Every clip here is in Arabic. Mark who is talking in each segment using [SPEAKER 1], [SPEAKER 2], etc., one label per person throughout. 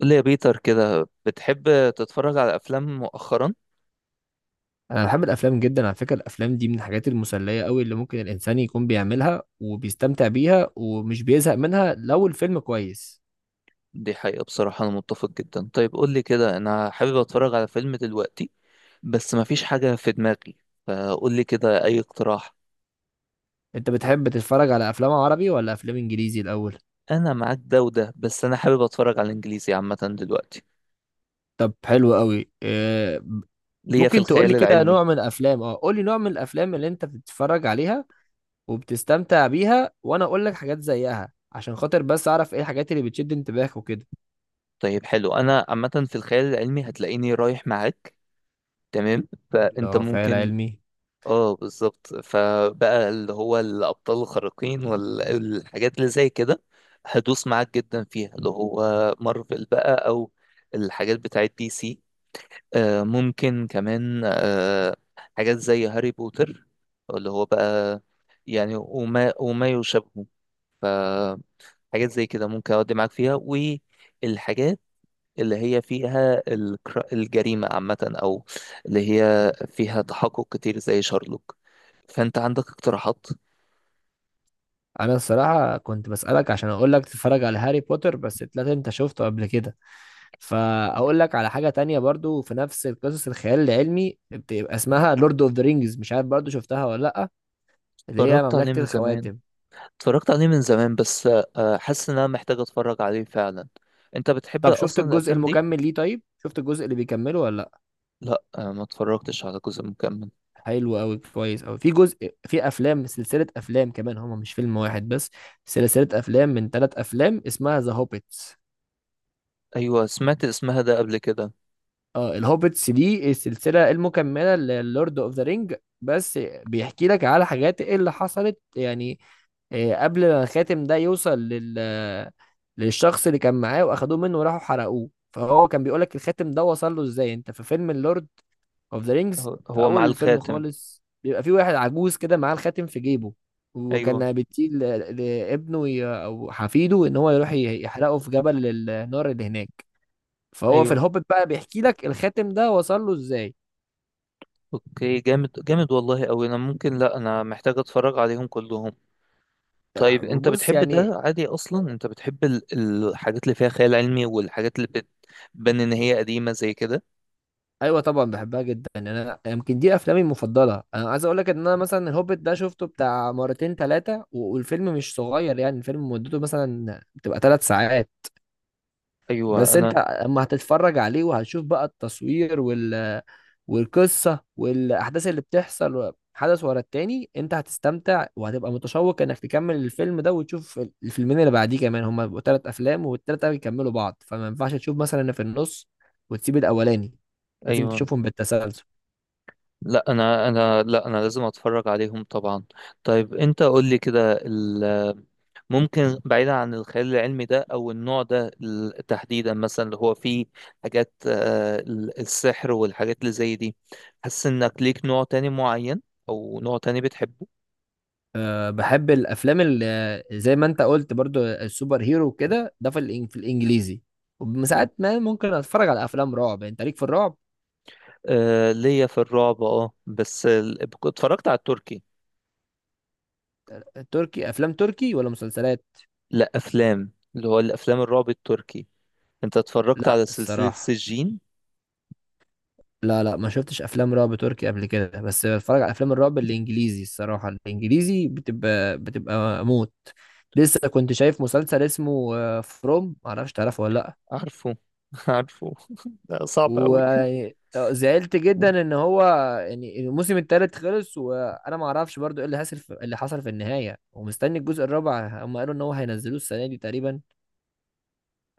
[SPEAKER 1] قول لي يا بيتر كده، بتحب تتفرج على افلام مؤخرا؟
[SPEAKER 2] انا بحب الافلام جدا على فكره. الافلام دي من الحاجات المسليه قوي اللي ممكن الانسان يكون بيعملها وبيستمتع بيها ومش بيزهق منها لو الفيلم كويس.
[SPEAKER 1] دي حقيقة، بصراحة انا متفق جدا. طيب قول لي كده، انا حابب اتفرج على فيلم دلوقتي بس مفيش حاجة في دماغي، فقول لي كده اي اقتراح.
[SPEAKER 2] انت بتحب تتفرج على افلام عربي ولا افلام انجليزي الاول؟
[SPEAKER 1] انا معاك ده وده، بس انا حابب اتفرج على الانجليزي عامة دلوقتي.
[SPEAKER 2] طب حلو قوي. إيه
[SPEAKER 1] ليا في
[SPEAKER 2] ممكن تقول لي
[SPEAKER 1] الخيال
[SPEAKER 2] كده
[SPEAKER 1] العلمي.
[SPEAKER 2] نوع من الافلام، قول لي نوع من الافلام اللي انت بتتفرج عليها وبتستمتع بيها، وانا اقول لك حاجات زيها، عشان خاطر بس اعرف ايه الحاجات اللي بتشد انتباهك وكده.
[SPEAKER 1] طيب حلو، انا عامة في الخيال العلمي هتلاقيني رايح معاك. تمام، فانت
[SPEAKER 2] لو خيال
[SPEAKER 1] ممكن.
[SPEAKER 2] علمي.
[SPEAKER 1] اه بالظبط، فبقى اللي هو الابطال الخارقين والحاجات اللي زي كده هدوس معاك جدا فيها، اللي هو مارفل بقى او الحاجات بتاعت دي سي. ممكن كمان حاجات زي هاري بوتر، اللي هو بقى يعني وما يشابهه. فحاجات زي كده ممكن اودي معاك فيها، والحاجات اللي هي فيها الجريمة عامة أو اللي هي فيها تحقق كتير زي شارلوك. فانت عندك اقتراحات؟
[SPEAKER 2] انا الصراحه كنت بسالك عشان اقول لك تتفرج على هاري بوتر، بس طلعت انت شفته قبل كده، فاقول لك على حاجه تانية برضو في نفس القصص الخيال العلمي، بتبقى اسمها لورد اوف ذا رينجز، مش عارف برضو شفتها ولا لا، اللي هي
[SPEAKER 1] اتفرجت عليه
[SPEAKER 2] مملكه
[SPEAKER 1] من زمان.
[SPEAKER 2] الخواتم.
[SPEAKER 1] اتفرجت عليه من زمان بس حاسس ان انا محتاج اتفرج عليه فعلا. انت بتحب
[SPEAKER 2] طب شفت
[SPEAKER 1] اصلا
[SPEAKER 2] الجزء
[SPEAKER 1] الافلام دي؟
[SPEAKER 2] المكمل ليه؟ طيب شفت الجزء اللي بيكمله ولا لا؟
[SPEAKER 1] لا ما اتفرجتش على جزء مكمل.
[SPEAKER 2] حلو قوي، كويس قوي. في جزء، في افلام، سلسله افلام كمان، هما مش فيلم واحد بس، سلسله افلام من ثلاث افلام اسمها ذا هوبيت.
[SPEAKER 1] ايوه سمعت اسمها ده قبل كده.
[SPEAKER 2] اه، الهوبتس دي السلسلة المكملة للورد اوف ذا رينج، بس بيحكي لك على حاجات إيه اللي حصلت يعني قبل ما الخاتم ده يوصل لل للشخص اللي كان معاه، واخدوه منه وراحوا حرقوه. فهو كان بيقول لك الخاتم ده وصل له ازاي. انت في فيلم اللورد اوف ذا رينجز
[SPEAKER 1] هو
[SPEAKER 2] في
[SPEAKER 1] هو مع
[SPEAKER 2] اول الفيلم
[SPEAKER 1] الخاتم.
[SPEAKER 2] خالص، بيبقى في واحد عجوز كده معاه الخاتم في جيبه،
[SPEAKER 1] ايوه.
[SPEAKER 2] وكان بيطيل لابنه او حفيده ان هو يروح يحرقه في جبل النار اللي هناك. فهو في
[SPEAKER 1] ايوه.
[SPEAKER 2] الهوبت بقى بيحكي لك الخاتم ده وصل له ازاي.
[SPEAKER 1] اوكي جامد جامد والله اوي، انا ممكن، لا انا محتاج اتفرج عليهم كلهم. طيب انت
[SPEAKER 2] بص
[SPEAKER 1] بتحب
[SPEAKER 2] يعني،
[SPEAKER 1] ده عادي اصلا؟ انت بتحب الحاجات اللي فيها خيال علمي والحاجات اللي بتبان ان هي قديمة زي كده؟
[SPEAKER 2] ايوه طبعا بحبها جدا يعني، انا يمكن دي افلامي المفضله. انا عايز اقول لك ان انا مثلا الهوبت ده شفته بتاع مرتين ثلاثه، والفيلم مش صغير يعني، الفيلم مدته مثلا بتبقى ثلاث ساعات.
[SPEAKER 1] ايوه.
[SPEAKER 2] بس انت
[SPEAKER 1] انا
[SPEAKER 2] اما هتتفرج عليه وهتشوف بقى التصوير والقصة والأحداث اللي بتحصل حدث ورا التاني، انت هتستمتع وهتبقى متشوق انك تكمل الفيلم ده، وتشوف الفيلمين اللي بعديه كمان. هما بيبقوا تلات أفلام، والتلاتة بيكملوا بعض، فما ينفعش تشوف مثلا اللي في النص وتسيب الأولاني، لازم
[SPEAKER 1] ايوه.
[SPEAKER 2] تشوفهم بالتسلسل.
[SPEAKER 1] لا انا لازم اتفرج عليهم طبعا. طيب انت قول لي كده، ممكن بعيدا عن الخيال العلمي ده او النوع ده، تحديدا مثلا اللي هو فيه حاجات السحر والحاجات اللي زي دي، حاسس انك ليك نوع تاني معين او نوع تاني بتحبه؟
[SPEAKER 2] أه بحب الأفلام اللي زي ما انت قلت برضو، السوبر هيرو كده، ده في في الإنجليزي.
[SPEAKER 1] مم.
[SPEAKER 2] وساعات ما ممكن أتفرج على أفلام رعب. يعني انت ليك في الرعب؟
[SPEAKER 1] آه ليا في الرعب اه، بس اتفرجت على التركي.
[SPEAKER 2] تركي، افلام تركي ولا مسلسلات؟
[SPEAKER 1] لا افلام، اللي هو الافلام الرعب التركي. انت اتفرجت
[SPEAKER 2] لا
[SPEAKER 1] على سلسلة
[SPEAKER 2] الصراحه،
[SPEAKER 1] سجين؟
[SPEAKER 2] لا، ما شفتش افلام رعب تركي قبل كده، بس بتفرج على افلام الرعب الانجليزي الصراحه. الانجليزي بتبقى موت. لسه كنت شايف مسلسل اسمه فروم، معرفش تعرفه ولا لا.
[SPEAKER 1] عارفه. عارفه ده صعب قوي.
[SPEAKER 2] وزعلت جدا ان هو يعني الموسم الثالث خلص، وانا ما اعرفش برضو ايه اللي حصل في اللي حصل في النهايه، ومستني الجزء الرابع. هم قالوا ان هو هينزلوه السنه دي تقريبا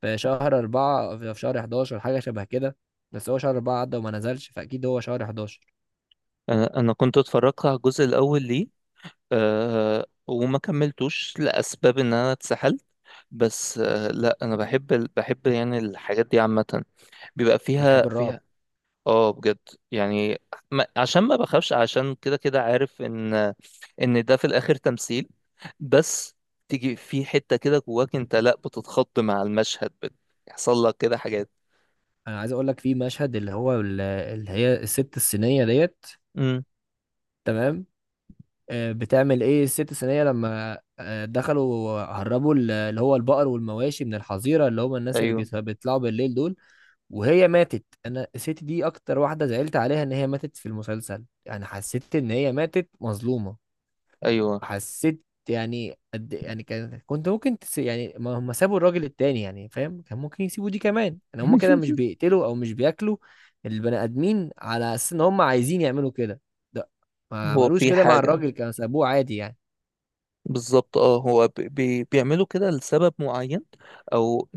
[SPEAKER 2] في شهر أربعة، في شهر 11، حاجة شبه كده. بس هو شهر أربعة عدى وما نزلش، فأكيد هو شهر 11.
[SPEAKER 1] انا كنت اتفرجت على الجزء الاول ليه، أه، وما كملتوش لاسباب ان انا اتسحلت، بس أه لا، انا بحب بحب يعني الحاجات دي عامه، بيبقى فيها
[SPEAKER 2] بتحب الرعب؟
[SPEAKER 1] فيها. اه بجد. يعني ما عشان ما بخافش، عشان كده كده عارف ان ان ده في الاخر تمثيل، بس تيجي في حتة كده جواك انت لا بتتخض مع المشهد، بيحصل لك كده حاجات.
[SPEAKER 2] أنا عايز أقول لك في مشهد اللي هو اللي هي الست الصينية ديت.
[SPEAKER 1] امم.
[SPEAKER 2] تمام، بتعمل إيه الست الصينية لما دخلوا هربوا اللي هو البقر والمواشي من الحظيرة، اللي هم الناس اللي
[SPEAKER 1] ايوه.
[SPEAKER 2] بيطلعوا بالليل دول، وهي ماتت. أنا الست دي أكتر واحدة زعلت عليها إن هي ماتت في المسلسل، يعني حسيت إن هي ماتت مظلومة.
[SPEAKER 1] ايوه.
[SPEAKER 2] حسيت يعني قد إيه، يعني كان كنت ممكن تس... يعني ما هم سابوا الراجل التاني يعني، فاهم؟ كان ممكن يسيبوا دي كمان. يعني هم كده مش بيقتلوا او مش بياكلوا البني ادمين على اساس ان هم عايزين يعملوا كده، ده ما
[SPEAKER 1] هو
[SPEAKER 2] عملوش
[SPEAKER 1] في
[SPEAKER 2] كده مع
[SPEAKER 1] حاجة،
[SPEAKER 2] الراجل، كانوا سابوه عادي يعني.
[SPEAKER 1] بالظبط اه، هو ب- بي بيعملوا كده لسبب معين او،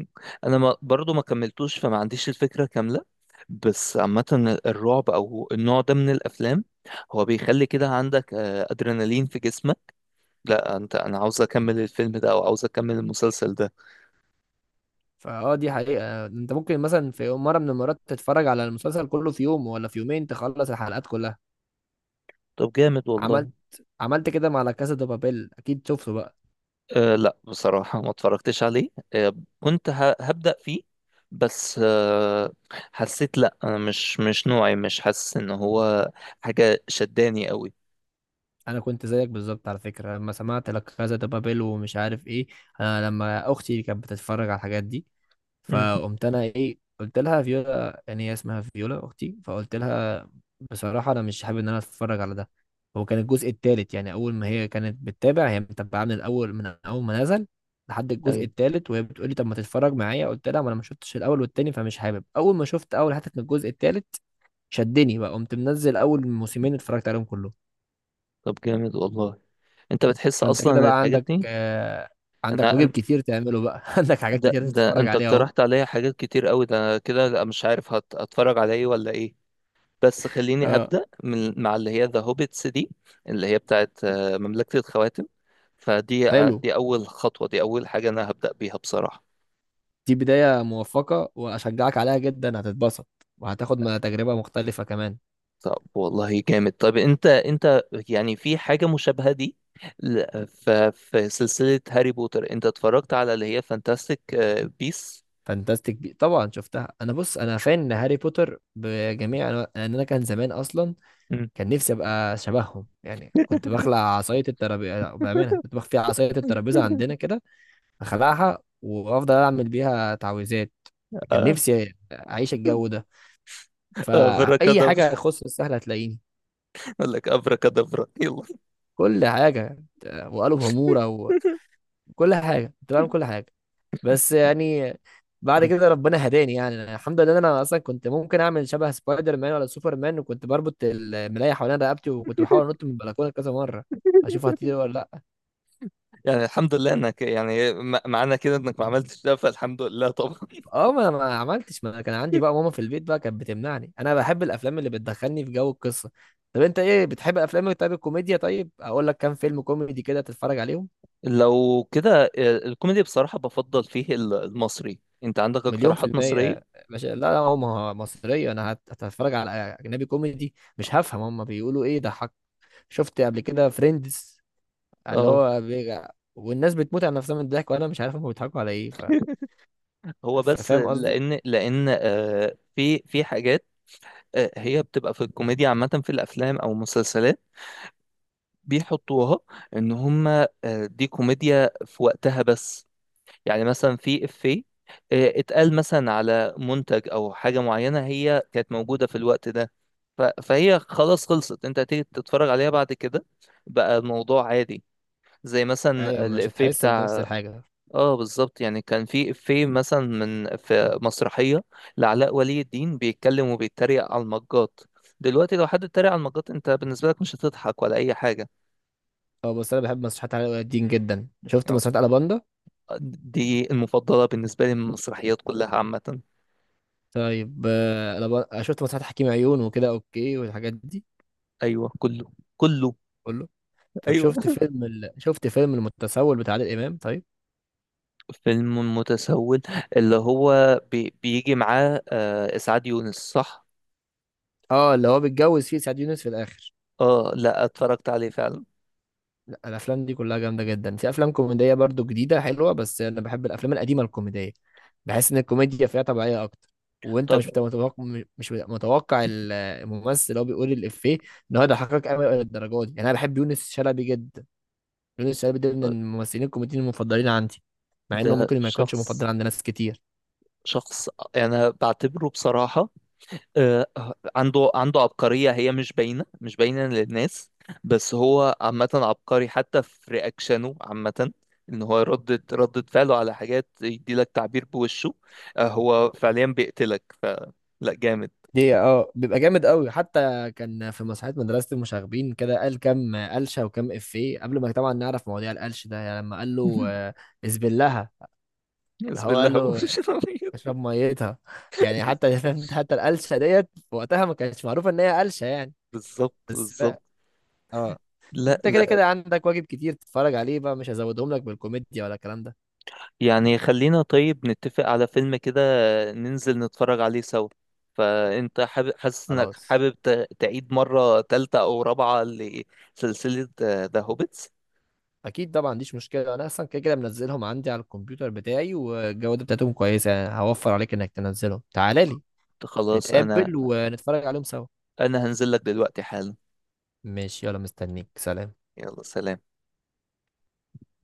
[SPEAKER 1] انا ما برضو ما كملتوش فما عنديش الفكرة كاملة، بس عامة الرعب او النوع ده من الافلام هو بيخلي كده عندك ادرينالين في جسمك، لا انت، انا عاوز اكمل الفيلم ده او عاوز اكمل المسلسل ده.
[SPEAKER 2] فاه، دي حقيقة. انت ممكن مثلا في يوم مرة من المرات تتفرج على المسلسل كله في يوم ولا في يومين، تخلص الحلقات كلها.
[SPEAKER 1] طب جامد والله.
[SPEAKER 2] عملت عملت كده مع لا كاسا دي بابيل، اكيد شفته بقى.
[SPEAKER 1] أه لا بصراحة ما اتفرجتش عليه. أه كنت هبدأ فيه، بس أه حسيت لا انا مش نوعي، مش حاسس ان هو حاجة شداني قوي.
[SPEAKER 2] انا كنت زيك بالظبط على فكره لما سمعت لا كازا دي بابيل ومش عارف ايه. انا لما اختي كانت بتتفرج على الحاجات دي،
[SPEAKER 1] امم.
[SPEAKER 2] فقمت انا ايه قلت لها، فيولا يعني هي اسمها فيولا اختي، فقلت لها بصراحه انا مش حابب ان انا اتفرج على ده. هو كان الجزء الثالث يعني، اول ما هي كانت بتتابع، هي متابعه من الاول، من اول ما نزل لحد الجزء
[SPEAKER 1] ايوه.
[SPEAKER 2] الثالث، وهي بتقول لي طب ما تتفرج معايا. قلت لها ما انا ما شفتش الاول والتاني، فمش حابب. اول ما شفت اول حتت من الجزء الثالث شدني بقى، قمت منزل اول موسمين اتفرجت عليهم كلهم.
[SPEAKER 1] طب جامد والله. انت بتحس
[SPEAKER 2] فانت
[SPEAKER 1] اصلا
[SPEAKER 2] كده
[SPEAKER 1] إن
[SPEAKER 2] بقى
[SPEAKER 1] الحاجات
[SPEAKER 2] عندك
[SPEAKER 1] دي،
[SPEAKER 2] آه، عندك
[SPEAKER 1] انا
[SPEAKER 2] واجب
[SPEAKER 1] أن-
[SPEAKER 2] كتير تعمله بقى عندك حاجات
[SPEAKER 1] ده
[SPEAKER 2] كتير
[SPEAKER 1] ده
[SPEAKER 2] تتفرج
[SPEAKER 1] انت
[SPEAKER 2] عليها اهو.
[SPEAKER 1] اقترحت عليا حاجات كتير قوي، ده كده لا مش عارف هت... هتفرج على ايه ولا ايه، بس خليني
[SPEAKER 2] اه
[SPEAKER 1] هبدأ من مع اللي هي ذا هوبيتس دي، اللي هي بتاعت مملكة الخواتم، فدي
[SPEAKER 2] حلو،
[SPEAKER 1] دي اول خطوة، دي اول حاجة انا هبدأ بيها بصراحة.
[SPEAKER 2] دي بداية موفقة واشجعك عليها جدا، هتتبسط وهتاخد ما تجربة مختلفة كمان.
[SPEAKER 1] طب والله جامد. طب انت يعني في حاجة مشابهة دي، ل- ف- في سلسلة هاري بوتر، انت اتفرجت على اللي هي فانتاستيك بيس؟
[SPEAKER 2] فانتاستيك بي طبعا شفتها. انا بص، انا فان هاري بوتر بجميع أنواع- لان انا كان زمان اصلا كان نفسي ابقى شبههم. يعني كنت بخلع عصاية الترابيزة بأمانة، كنت بخفي عصاية الترابيزة عندنا كده، اخلعها وافضل اعمل بيها تعويذات. كان
[SPEAKER 1] آه.
[SPEAKER 2] نفسي اعيش الجو ده. فأي
[SPEAKER 1] افركادابرا.
[SPEAKER 2] حاجة تخص السهل هتلاقيني.
[SPEAKER 1] اقول لك افركادابرا يلا.
[SPEAKER 2] كل حاجة، وقالوا همورة وكل حاجة، كنت بعمل كل حاجة. بس يعني بعد
[SPEAKER 1] مم.
[SPEAKER 2] كده ربنا هداني. يعني أنا الحمد لله إن أنا أصلا كنت ممكن أعمل شبه سبايدر مان ولا سوبر مان، وكنت بربط الملاية حوالين رقبتي وكنت بحاول أنط من البلكونة كذا مرة أشوف هتطير ولا لأ.
[SPEAKER 1] يعني الحمد لله انك يعني معنى كده انك ما عملتش ده، فالحمد لله طبعا.
[SPEAKER 2] أه، ما أنا ما عملتش، ما أنا كان عندي بقى ماما في البيت بقى كانت بتمنعني. أنا بحب الأفلام اللي بتدخلني في جو القصة. طب أنت إيه بتحب أفلام؟ طيب الكوميديا، طيب أقول لك كام فيلم كوميدي كده تتفرج عليهم.
[SPEAKER 1] لو كده الكوميدي بصراحة بفضل فيه المصري. انت عندك
[SPEAKER 2] مليون في
[SPEAKER 1] اقتراحات مصرية؟
[SPEAKER 2] المية. مش، لا هو ما هو مصرية. أنا هتفرج على أجنبي كوميدي، مش هفهم هما بيقولوا إيه ده، حق. شفت قبل كده فريندز، اللي
[SPEAKER 1] اه.
[SPEAKER 2] هو بيجع والناس بتموت على نفسها من الضحك، وأنا مش عارف هما بيضحكوا على إيه ف...
[SPEAKER 1] هو بس
[SPEAKER 2] فاهم قصدي؟
[SPEAKER 1] لان في في حاجات هي بتبقى في الكوميديا عامة، في الافلام او المسلسلات بيحطوها ان هم دي كوميديا في وقتها بس، يعني مثلا في افيه اتقال مثلا على منتج او حاجه معينه هي كانت موجوده في الوقت ده، فهي خلاص خلصت، انت هتيجي تتفرج عليها بعد كده بقى الموضوع عادي، زي
[SPEAKER 2] أيوة،
[SPEAKER 1] مثلا
[SPEAKER 2] مش
[SPEAKER 1] الافيه
[SPEAKER 2] هتحس بنفس
[SPEAKER 1] بتاع،
[SPEAKER 2] الحاجة.
[SPEAKER 1] اه بالظبط، يعني كان في افيه مثلا من في مسرحيه لعلاء ولي الدين بيتكلم وبيتريق على المجات، دلوقتي لو حد اتريق على المجات انت بالنسبه لك مش هتضحك ولا اي حاجه.
[SPEAKER 2] أه بس أنا بحب مسرحيات علاء ولي الدين جدا. شفت
[SPEAKER 1] أو-
[SPEAKER 2] مسرحيات ألاباندا؟
[SPEAKER 1] دي المفضله بالنسبه لي من المسرحيات كلها عامه.
[SPEAKER 2] طيب ألابا... شفت مسرحيات حكيم عيون وكده، أوكي، والحاجات دي؟
[SPEAKER 1] ايوه كله. كله.
[SPEAKER 2] كله. طب
[SPEAKER 1] ايوه.
[SPEAKER 2] شفت فيلم ال... شفت فيلم المتسول بتاع عادل إمام طيب؟
[SPEAKER 1] فيلم متسول اللي هو بيجي معاه آه اسعاد يونس، صح؟
[SPEAKER 2] اه اللي هو بيتجوز فيه سعد يونس في الآخر.
[SPEAKER 1] اه لا اتفرجت عليه فعلا.
[SPEAKER 2] لا الافلام دي كلها جامده جدا. في افلام كوميديه برضو جديده حلوه، بس انا بحب الافلام القديمه الكوميديه. بحس ان الكوميديا فيها طبيعيه اكتر، وانت
[SPEAKER 1] طب
[SPEAKER 2] مش بتبقى متوقع. مش بتبقى متوقع الممثل اللي هو بيقول الافيه ان هو يضحكك قوي للدرجه دي. يعني انا بحب يونس شلبي جدا. يونس شلبي ده من الممثلين الكوميديين المفضلين عندي، مع
[SPEAKER 1] ده
[SPEAKER 2] انه ممكن ما يكونش
[SPEAKER 1] شخص،
[SPEAKER 2] مفضل عند ناس كتير.
[SPEAKER 1] شخص انا بعتبره بصراحة آه، عنده عبقرية هي مش باينة، مش باينة للناس، بس هو عامة عبقري حتى في رياكشنه عامة، ان هو ردة فعله على حاجات يديلك تعبير بوشه آه، هو فعليا بيقتلك فلا، جامد.
[SPEAKER 2] دي اه بيبقى جامد قوي. حتى كان في مسرحيه مدرسه المشاغبين كده قال كام قلشه وكام افيه قبل ما طبعا نعرف مواضيع القلش ده. يعني لما قال له اذبلها.
[SPEAKER 1] بسم
[SPEAKER 2] هو
[SPEAKER 1] الله.
[SPEAKER 2] قال
[SPEAKER 1] هو
[SPEAKER 2] له اشرب ميتها. يعني حتى حتى القلشه ديت في وقتها ما كانتش معروفه ان هي قلشه يعني.
[SPEAKER 1] بالظبط
[SPEAKER 2] بس
[SPEAKER 1] بالظبط.
[SPEAKER 2] بقى اه،
[SPEAKER 1] لا
[SPEAKER 2] انت كده
[SPEAKER 1] لا.
[SPEAKER 2] كده عندك واجب كتير تتفرج عليه بقى، مش هزودهم لك بالكوميديا ولا الكلام ده.
[SPEAKER 1] يعني خلينا طيب نتفق على فيلم كده، ننزل نتفرج عليه سوا. فانت حابب، حاسس انك
[SPEAKER 2] خلاص
[SPEAKER 1] حابب تعيد مرة تالتة او رابعة لسلسلة ذا هوبيتس؟
[SPEAKER 2] اكيد طبعا، مفيش مشكله. انا اصلا كده كده منزلهم عندي على الكمبيوتر بتاعي، والجوده بتاعتهم كويسه يعني، هوفر عليك انك تنزلهم. تعالى لي،
[SPEAKER 1] خلاص. انا
[SPEAKER 2] نتقابل ونتفرج عليهم سوا.
[SPEAKER 1] انا هنزل لك دلوقتي حالا.
[SPEAKER 2] ماشي، يلا مستنيك، سلام.
[SPEAKER 1] يلا سلام.